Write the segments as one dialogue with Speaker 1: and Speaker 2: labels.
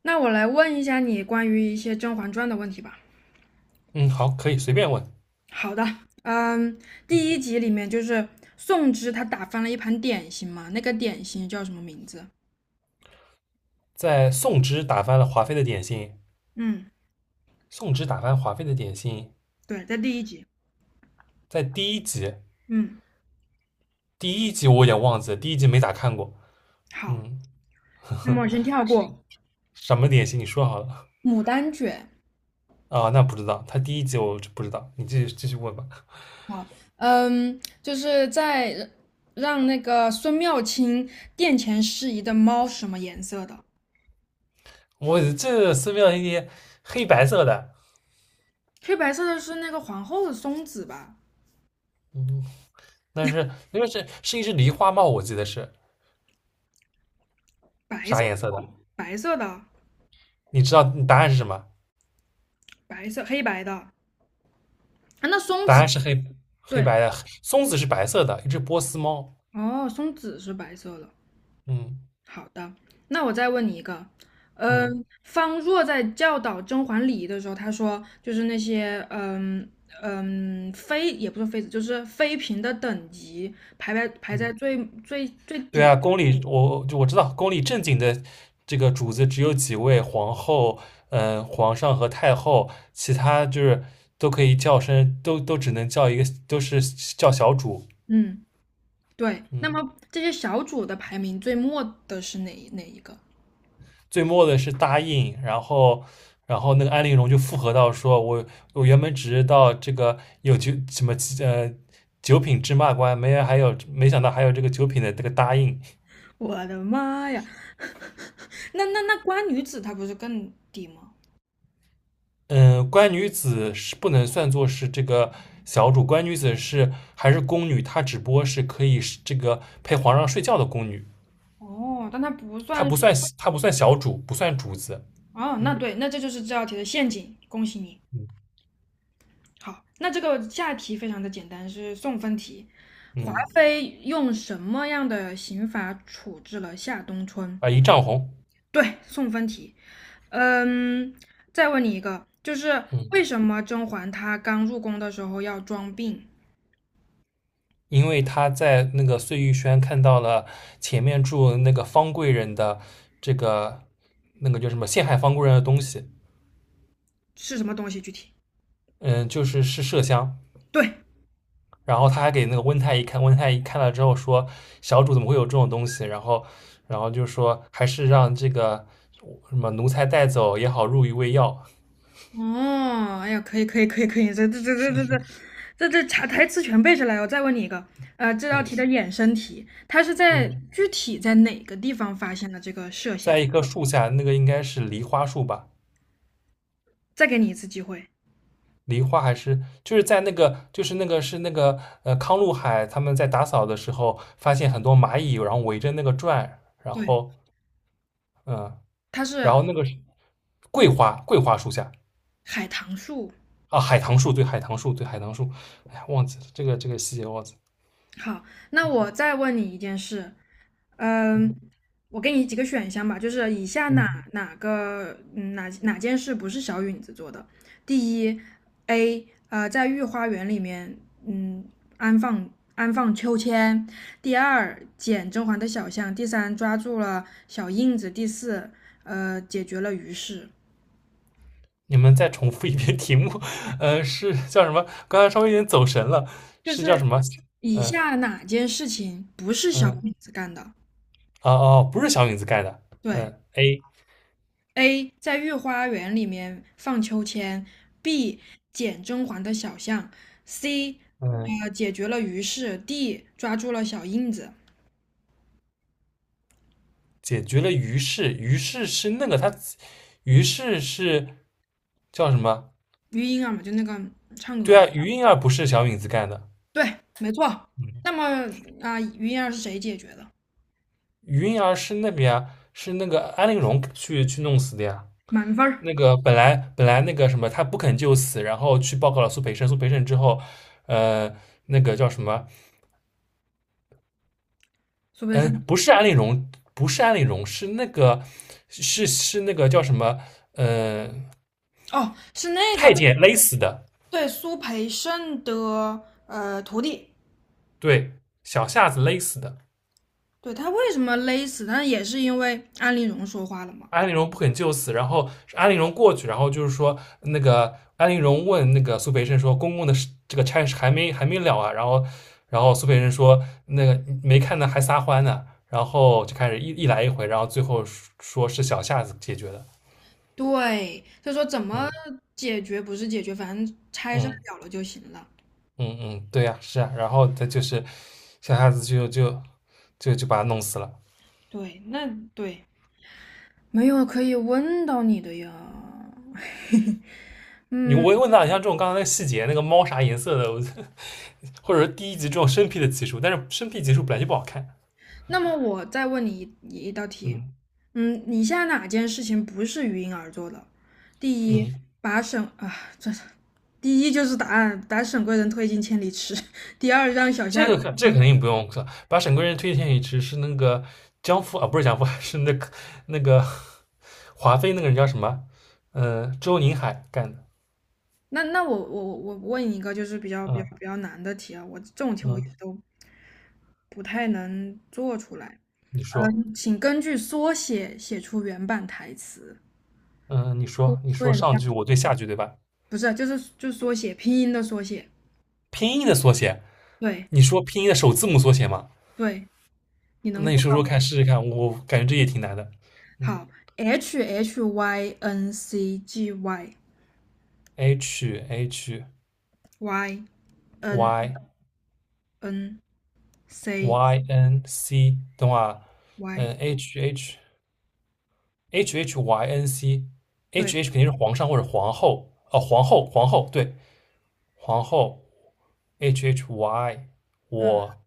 Speaker 1: 那我来问一下你关于一些《甄嬛传》的问题吧。
Speaker 2: 嗯，好，可以随便问。
Speaker 1: 好的。嗯，
Speaker 2: 嗯，
Speaker 1: 第一集里面就是宋芝她打翻了一盘点心嘛，那个点心叫什么名字？
Speaker 2: 在宋之打翻了华妃的点心，
Speaker 1: 嗯。
Speaker 2: 宋之打翻华妃的点心，
Speaker 1: 对，在第一集。
Speaker 2: 在第一集，
Speaker 1: 嗯，
Speaker 2: 第一集我有点忘记了，第一集没咋看过。
Speaker 1: 好。
Speaker 2: 嗯，
Speaker 1: 那么我先跳过
Speaker 2: 什么点心？你说好了
Speaker 1: 牡丹卷。
Speaker 2: 啊？那不知道，他第一集我就不知道，你继续问吧。
Speaker 1: 好。就是在让那个孙妙清殿前适宜的猫是什么颜色的？
Speaker 2: 我这寺庙一些黑白色的，
Speaker 1: 黑白色的是那个皇后的松子吧？
Speaker 2: 嗯，但是那个是一只梨花帽，我记得是
Speaker 1: 白
Speaker 2: 啥
Speaker 1: 色，
Speaker 2: 颜色的？
Speaker 1: 白色的，
Speaker 2: 你知道你答案是什么？
Speaker 1: 白色黑白的啊，那松
Speaker 2: 答
Speaker 1: 子
Speaker 2: 案是黑黑
Speaker 1: 对。
Speaker 2: 白的，松子是白色的，一只波斯猫。
Speaker 1: 哦，松子是白色的。
Speaker 2: 嗯
Speaker 1: 好的，那我再问你一个。
Speaker 2: 嗯
Speaker 1: 方若在教导甄嬛礼仪的时候，他说就是那些妃也不是妃子，就是妃嫔的等级排在
Speaker 2: 嗯。
Speaker 1: 最
Speaker 2: 对
Speaker 1: 底。
Speaker 2: 啊，宫里我知道，宫里正经的这个主子只有几位，皇后、嗯、皇上和太后，其他就是都可以叫声，都只能叫一个，都是叫小主。
Speaker 1: 嗯，对。那
Speaker 2: 嗯，
Speaker 1: 么这些小主的排名最末的是哪一个？
Speaker 2: 最末的是答应，然后那个安陵容就附和到说，我原本只知道这个有九什么呃九品芝麻官，没还有没想到还有这个九品的这个答应。
Speaker 1: 我的妈呀！那官女子她不是更低吗？
Speaker 2: 嗯，官女子是不能算作是这个小主，官女子是还是宫女，她只不过是可以是这个陪皇上睡觉的宫女，
Speaker 1: 哦，但她不
Speaker 2: 她
Speaker 1: 算。
Speaker 2: 不算她不算小主，不算主子。
Speaker 1: 哦，那
Speaker 2: 嗯
Speaker 1: 对，那这就是这道题的陷阱，恭喜你。
Speaker 2: 嗯
Speaker 1: 好，那这个下题非常的简单，是送分题。华
Speaker 2: 嗯，
Speaker 1: 妃用什么样的刑罚处置了夏冬春？
Speaker 2: 啊，一丈红。
Speaker 1: 对，送分题。嗯，再问你一个，就是
Speaker 2: 嗯，
Speaker 1: 为什么甄嬛她刚入宫的时候要装病？
Speaker 2: 因为她在那个碎玉轩看到了前面住那个方贵人的这个那个叫什么陷害方贵人的东西，
Speaker 1: 是什么东西？具体？
Speaker 2: 嗯，就是麝香。
Speaker 1: 对。
Speaker 2: 然后他还给那个温太医看，温太医看了之后说，小主怎么会有这种东西？然后，然后就说还是让这个什么奴才带走也好，入一喂药。
Speaker 1: 哦，哎呀，可以可以可以可以，这查台词全背下来。我再问你一个，这道
Speaker 2: 嗯
Speaker 1: 题的衍生题，它是在
Speaker 2: 嗯，
Speaker 1: 具体在哪个地方发现的这个麝香？
Speaker 2: 在一棵树下，那个应该是梨花树吧？
Speaker 1: 再给你一次机会。
Speaker 2: 梨花还是就是在那个就是那个是那个康禄海他们在打扫的时候发现很多蚂蚁，然后围着那个转，然
Speaker 1: 对，
Speaker 2: 后嗯，
Speaker 1: 它
Speaker 2: 然
Speaker 1: 是
Speaker 2: 后那个是桂花树下。
Speaker 1: 海棠树。
Speaker 2: 啊，海棠树，对，海棠树，对，海棠树。哎呀，忘记了这个细节忘记了。
Speaker 1: 好，那我再问你一件事。嗯，我给你几个选项吧，就是以下哪
Speaker 2: 嗯，
Speaker 1: 哪个哪件事不是小允子做的？第一，A， 在御花园里面嗯安放安放秋千；第二，捡甄嬛的小象；第三，抓住了小印子；第四，解决了于氏。
Speaker 2: 你们再重复一遍题目，是叫什么？刚才稍微有点走神了，
Speaker 1: 就
Speaker 2: 是叫
Speaker 1: 是
Speaker 2: 什么？
Speaker 1: 以
Speaker 2: 嗯
Speaker 1: 下哪件事情不是小
Speaker 2: 嗯，
Speaker 1: 允子干的？
Speaker 2: 哦哦，不是小影子盖的。
Speaker 1: 对。
Speaker 2: 嗯，A，
Speaker 1: A 在御花园里面放秋千，B 捡甄嬛的小象，C
Speaker 2: 嗯，
Speaker 1: 解决了于氏， D 抓住了小印子。
Speaker 2: 解决了于是，于是是那个他，于是是叫什么？
Speaker 1: 余莺儿嘛，就那个唱
Speaker 2: 对
Speaker 1: 歌
Speaker 2: 啊，于莺儿不是小影子干的，
Speaker 1: 对，没错。那么啊，余莺儿是谁解决的？
Speaker 2: 于莺儿是那边啊，是那个安陵容去弄死的呀。
Speaker 1: 满分儿，
Speaker 2: 那个本来那个什么，他不肯就死，然后去报告了苏培盛。苏培盛之后，呃，那个叫什么？
Speaker 1: 苏培盛。
Speaker 2: 嗯，不是安陵容，不是安陵容，是那个是那个叫什么？呃，
Speaker 1: 哦，是那个
Speaker 2: 太监勒死的，
Speaker 1: 对苏培盛的徒弟。
Speaker 2: 对，小夏子勒死的。
Speaker 1: 对他为什么勒死？那也是因为安陵容说话了嘛。
Speaker 2: 安陵容不肯就死，然后安陵容过去，然后就是说那个安陵容问那个苏培盛说：“公公的事这个差事还没了啊？”然后苏培盛说：“那个没看呢，还撒欢呢。”然后就开始一来一回，然后最后说是小夏子解决的。
Speaker 1: 对，所说怎么
Speaker 2: 嗯
Speaker 1: 解决不是解决，反正拆事儿
Speaker 2: 嗯
Speaker 1: 了就行了。
Speaker 2: 嗯嗯，对呀、是啊。然后他就是小夏子就把他弄死了。
Speaker 1: 对，那对，没有可以问到你的呀。
Speaker 2: 你我问到你像这种刚才那个细节，那个猫啥颜色的，我 或者说第一集这种生僻的集数，但是生僻集数本来就不好看。
Speaker 1: 那么我再问你一道题。
Speaker 2: 嗯
Speaker 1: 以下哪件事情不是鱼鹰而做的？第一，
Speaker 2: 嗯，
Speaker 1: 把沈啊，这第一就是答案，把沈贵人推进千里池。第二，让小虾，
Speaker 2: 这个可这个肯定不用可把沈贵人推荐给只是那个江父啊，不是江父，是那个华妃那个人叫什么？周宁海干的。
Speaker 1: 那我问你一个就是比较比
Speaker 2: 嗯
Speaker 1: 较比较难的题啊，我这种题我一直
Speaker 2: 嗯，
Speaker 1: 都不太能做出来。
Speaker 2: 你说，
Speaker 1: 请根据缩写写出原版台词。
Speaker 2: 嗯，你
Speaker 1: 缩
Speaker 2: 说，你说
Speaker 1: 缩
Speaker 2: 上
Speaker 1: 写
Speaker 2: 句
Speaker 1: 的
Speaker 2: 我对下句对吧？
Speaker 1: 不是啊，就是缩写拼音的缩写。
Speaker 2: 拼音的缩写，
Speaker 1: 对
Speaker 2: 你说拼音的首字母缩写嘛？
Speaker 1: 对，你能
Speaker 2: 那你
Speaker 1: 做
Speaker 2: 说说看，试试看，我感觉这也挺难的。嗯
Speaker 1: 好。H H Y N C G Y
Speaker 2: ，H H
Speaker 1: Y N
Speaker 2: Y
Speaker 1: N C
Speaker 2: Y N C，等会儿啊，
Speaker 1: Y。
Speaker 2: 嗯，H H H H Y N C，H
Speaker 1: 对，
Speaker 2: H H 肯定是皇上或者皇后，哦，皇后，皇后，对，皇后，H H Y，
Speaker 1: 嗯
Speaker 2: 我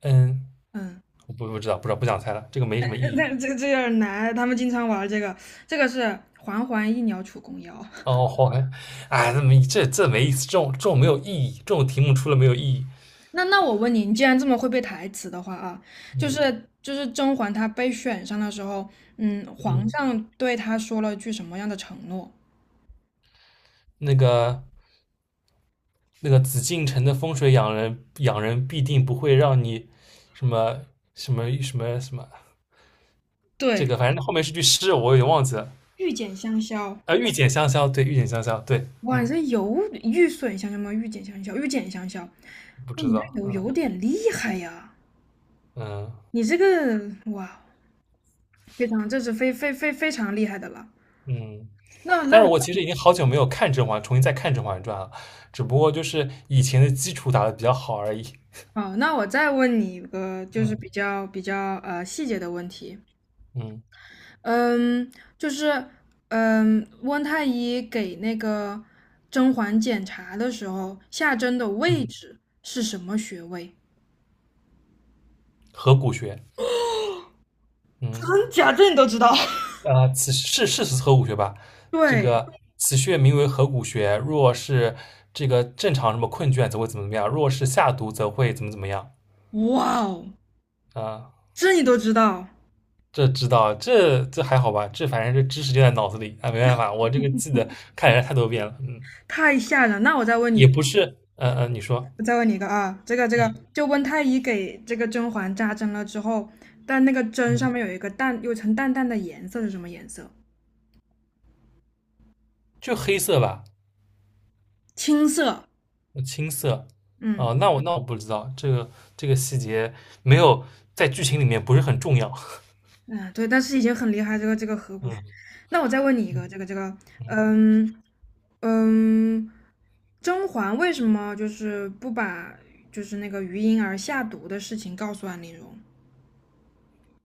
Speaker 2: 嗯，
Speaker 1: 嗯，
Speaker 2: 我不知道，不知道，不想猜了，这个没什么意 义。
Speaker 1: 那这有点难。他们经常玩这个，这个是环环一鸟楚公腰。
Speaker 2: 哦，好，哎，这没这这没意思，这种没有意义，这种题目出了没有意义。
Speaker 1: 那我问你，你既然这么会背台词的话啊，就
Speaker 2: 嗯
Speaker 1: 是就是甄嬛她被选上的时候。皇
Speaker 2: 嗯，
Speaker 1: 上对她说了句什么样的承诺？
Speaker 2: 那个那个紫禁城的风水养人必定不会让你什么什么什么什么，这
Speaker 1: 对，
Speaker 2: 个反正后面是句诗，我有点忘记了。
Speaker 1: 玉简香消。
Speaker 2: 啊，御姐香消，对，御姐香消，对，
Speaker 1: 哇，你
Speaker 2: 嗯，
Speaker 1: 这有玉损香消吗？玉简香消，玉简香消。
Speaker 2: 不
Speaker 1: 哇，
Speaker 2: 知
Speaker 1: 你这
Speaker 2: 道，
Speaker 1: 有
Speaker 2: 嗯
Speaker 1: 有点厉害呀！
Speaker 2: 嗯
Speaker 1: 你这个哇，非常，这是非常厉害的了。
Speaker 2: 嗯，
Speaker 1: 那
Speaker 2: 但
Speaker 1: 那
Speaker 2: 是
Speaker 1: 我
Speaker 2: 我其实已经好久没有看《甄嬛》，重新再看《甄嬛传》了，只不过就是以前的基础打得比较好而已，
Speaker 1: 哦，那我再问你一个，就是比
Speaker 2: 嗯
Speaker 1: 较比较细节的问题。
Speaker 2: 嗯
Speaker 1: 嗯，就是温太医给那个甄嬛检查的时候，下针的位
Speaker 2: 嗯，
Speaker 1: 置是什么穴位？
Speaker 2: 合谷穴，嗯，
Speaker 1: 真假这你都知道？
Speaker 2: 此是合谷穴吧？这
Speaker 1: 对，
Speaker 2: 个此穴名为合谷穴，若是这个正常什么困倦，则会怎么怎么样；若是下毒，则会怎么怎么样
Speaker 1: 哇哦，
Speaker 2: 啊、
Speaker 1: 这你都知道。
Speaker 2: 这知道，这还好吧？这反正这知识就在脑子里，啊，没办法，我这个记得看人家太多遍了，嗯，
Speaker 1: 太吓人了，那我再问
Speaker 2: 也
Speaker 1: 你，
Speaker 2: 不是，嗯嗯，你说，
Speaker 1: 我再问你一个啊，这个，
Speaker 2: 嗯
Speaker 1: 就温太医给这个甄嬛扎针了之后，但那个针
Speaker 2: 嗯，
Speaker 1: 上面有一个淡，有一层淡淡的颜色是什么颜色？
Speaker 2: 就黑色吧，
Speaker 1: 青色。
Speaker 2: 青色，
Speaker 1: 嗯，
Speaker 2: 哦，那我不知道，这个细节没有在剧情里面不是很重要，
Speaker 1: 嗯，对，但是已经很厉害，这个河谷学。
Speaker 2: 嗯，
Speaker 1: 那我再问你一个，
Speaker 2: 嗯
Speaker 1: 这个，嗯嗯，甄嬛为什么就是不把就是那个余莺儿下毒的事情告诉安陵容？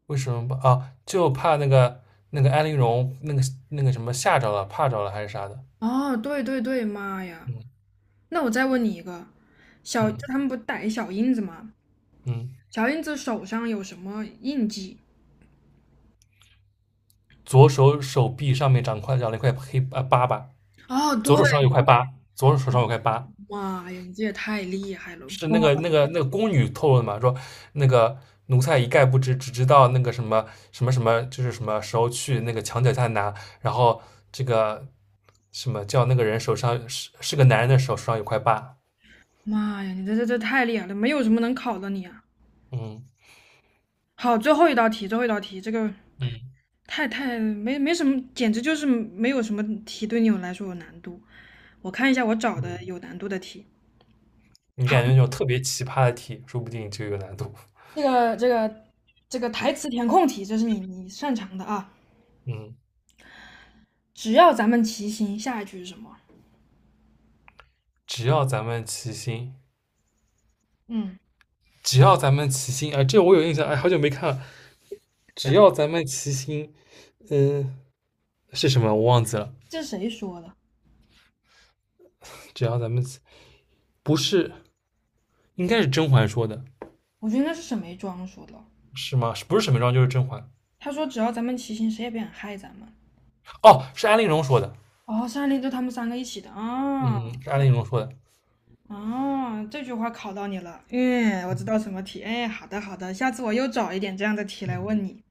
Speaker 2: 为什么不啊？就怕那个那个安陵容那个什么吓着了，怕着了还是啥的，
Speaker 1: 哦，对对对，妈呀！
Speaker 2: 嗯
Speaker 1: 那我再问你一个，就
Speaker 2: 嗯
Speaker 1: 他们不逮小印子吗？
Speaker 2: 嗯，
Speaker 1: 小印子手上有什么印记？
Speaker 2: 左手手臂上面长块长了一块黑啊疤吧。
Speaker 1: 哦，对，
Speaker 2: 左手上有块疤，左手手上有块疤，
Speaker 1: 妈呀，你这也太厉害了！
Speaker 2: 是那个宫女透露的嘛？说那个奴才一概不知，只知道那个什么什么什么，就是什么时候去那个墙脚下拿，然后这个什么叫那个人手上是个男人的手上有块疤，
Speaker 1: 妈呀，你这太厉害了，没有什么能考的你啊！
Speaker 2: 嗯
Speaker 1: 好，最后一道题，最后一道题，这个。
Speaker 2: 嗯，
Speaker 1: 太没什么，简直就是没有什么题对你们来说有难度。我看一下我找的有难度的题。
Speaker 2: 你
Speaker 1: 好，
Speaker 2: 感觉那种特别奇葩的题，说不定就有难度，
Speaker 1: 这个台词填空题，这是你擅长的啊。
Speaker 2: 嗯，
Speaker 1: 只要咱们齐心，下一句是什么？
Speaker 2: 只要咱们齐心。
Speaker 1: 嗯，
Speaker 2: 只要咱们齐心，啊！这我有印象，哎，好久没看了。只要咱们齐心，嗯、是什么？我忘记了。
Speaker 1: 这是谁说的？
Speaker 2: 只要咱们不是，应该是甄嬛说的，
Speaker 1: 我觉得应该是沈眉庄说的。
Speaker 2: 是吗？不是沈眉庄就是甄嬛。
Speaker 1: 他说只要咱们齐心，谁也别想害咱们。
Speaker 2: 哦，是安陵容说的，
Speaker 1: 哦，山林就他们三个一起的
Speaker 2: 嗯，
Speaker 1: 啊
Speaker 2: 是安陵容说的，
Speaker 1: 啊！这句话考到你了。嗯，我
Speaker 2: 嗯
Speaker 1: 知道什么题。哎，好的好的，下次我又找一点这样的题来
Speaker 2: 嗯，
Speaker 1: 问你。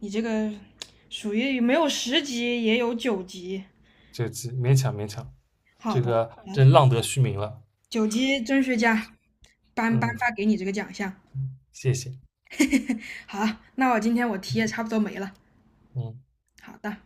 Speaker 1: 你这个属于没有十级也有九级。
Speaker 2: 这个勉强勉强，
Speaker 1: 好
Speaker 2: 这
Speaker 1: 的，好，
Speaker 2: 个真浪得虚名了，
Speaker 1: 九级甄学家颁
Speaker 2: 嗯，
Speaker 1: 发给你这个奖项。
Speaker 2: 谢谢，
Speaker 1: 好，那我今天我题也差不多没了。
Speaker 2: 嗯。
Speaker 1: 好的。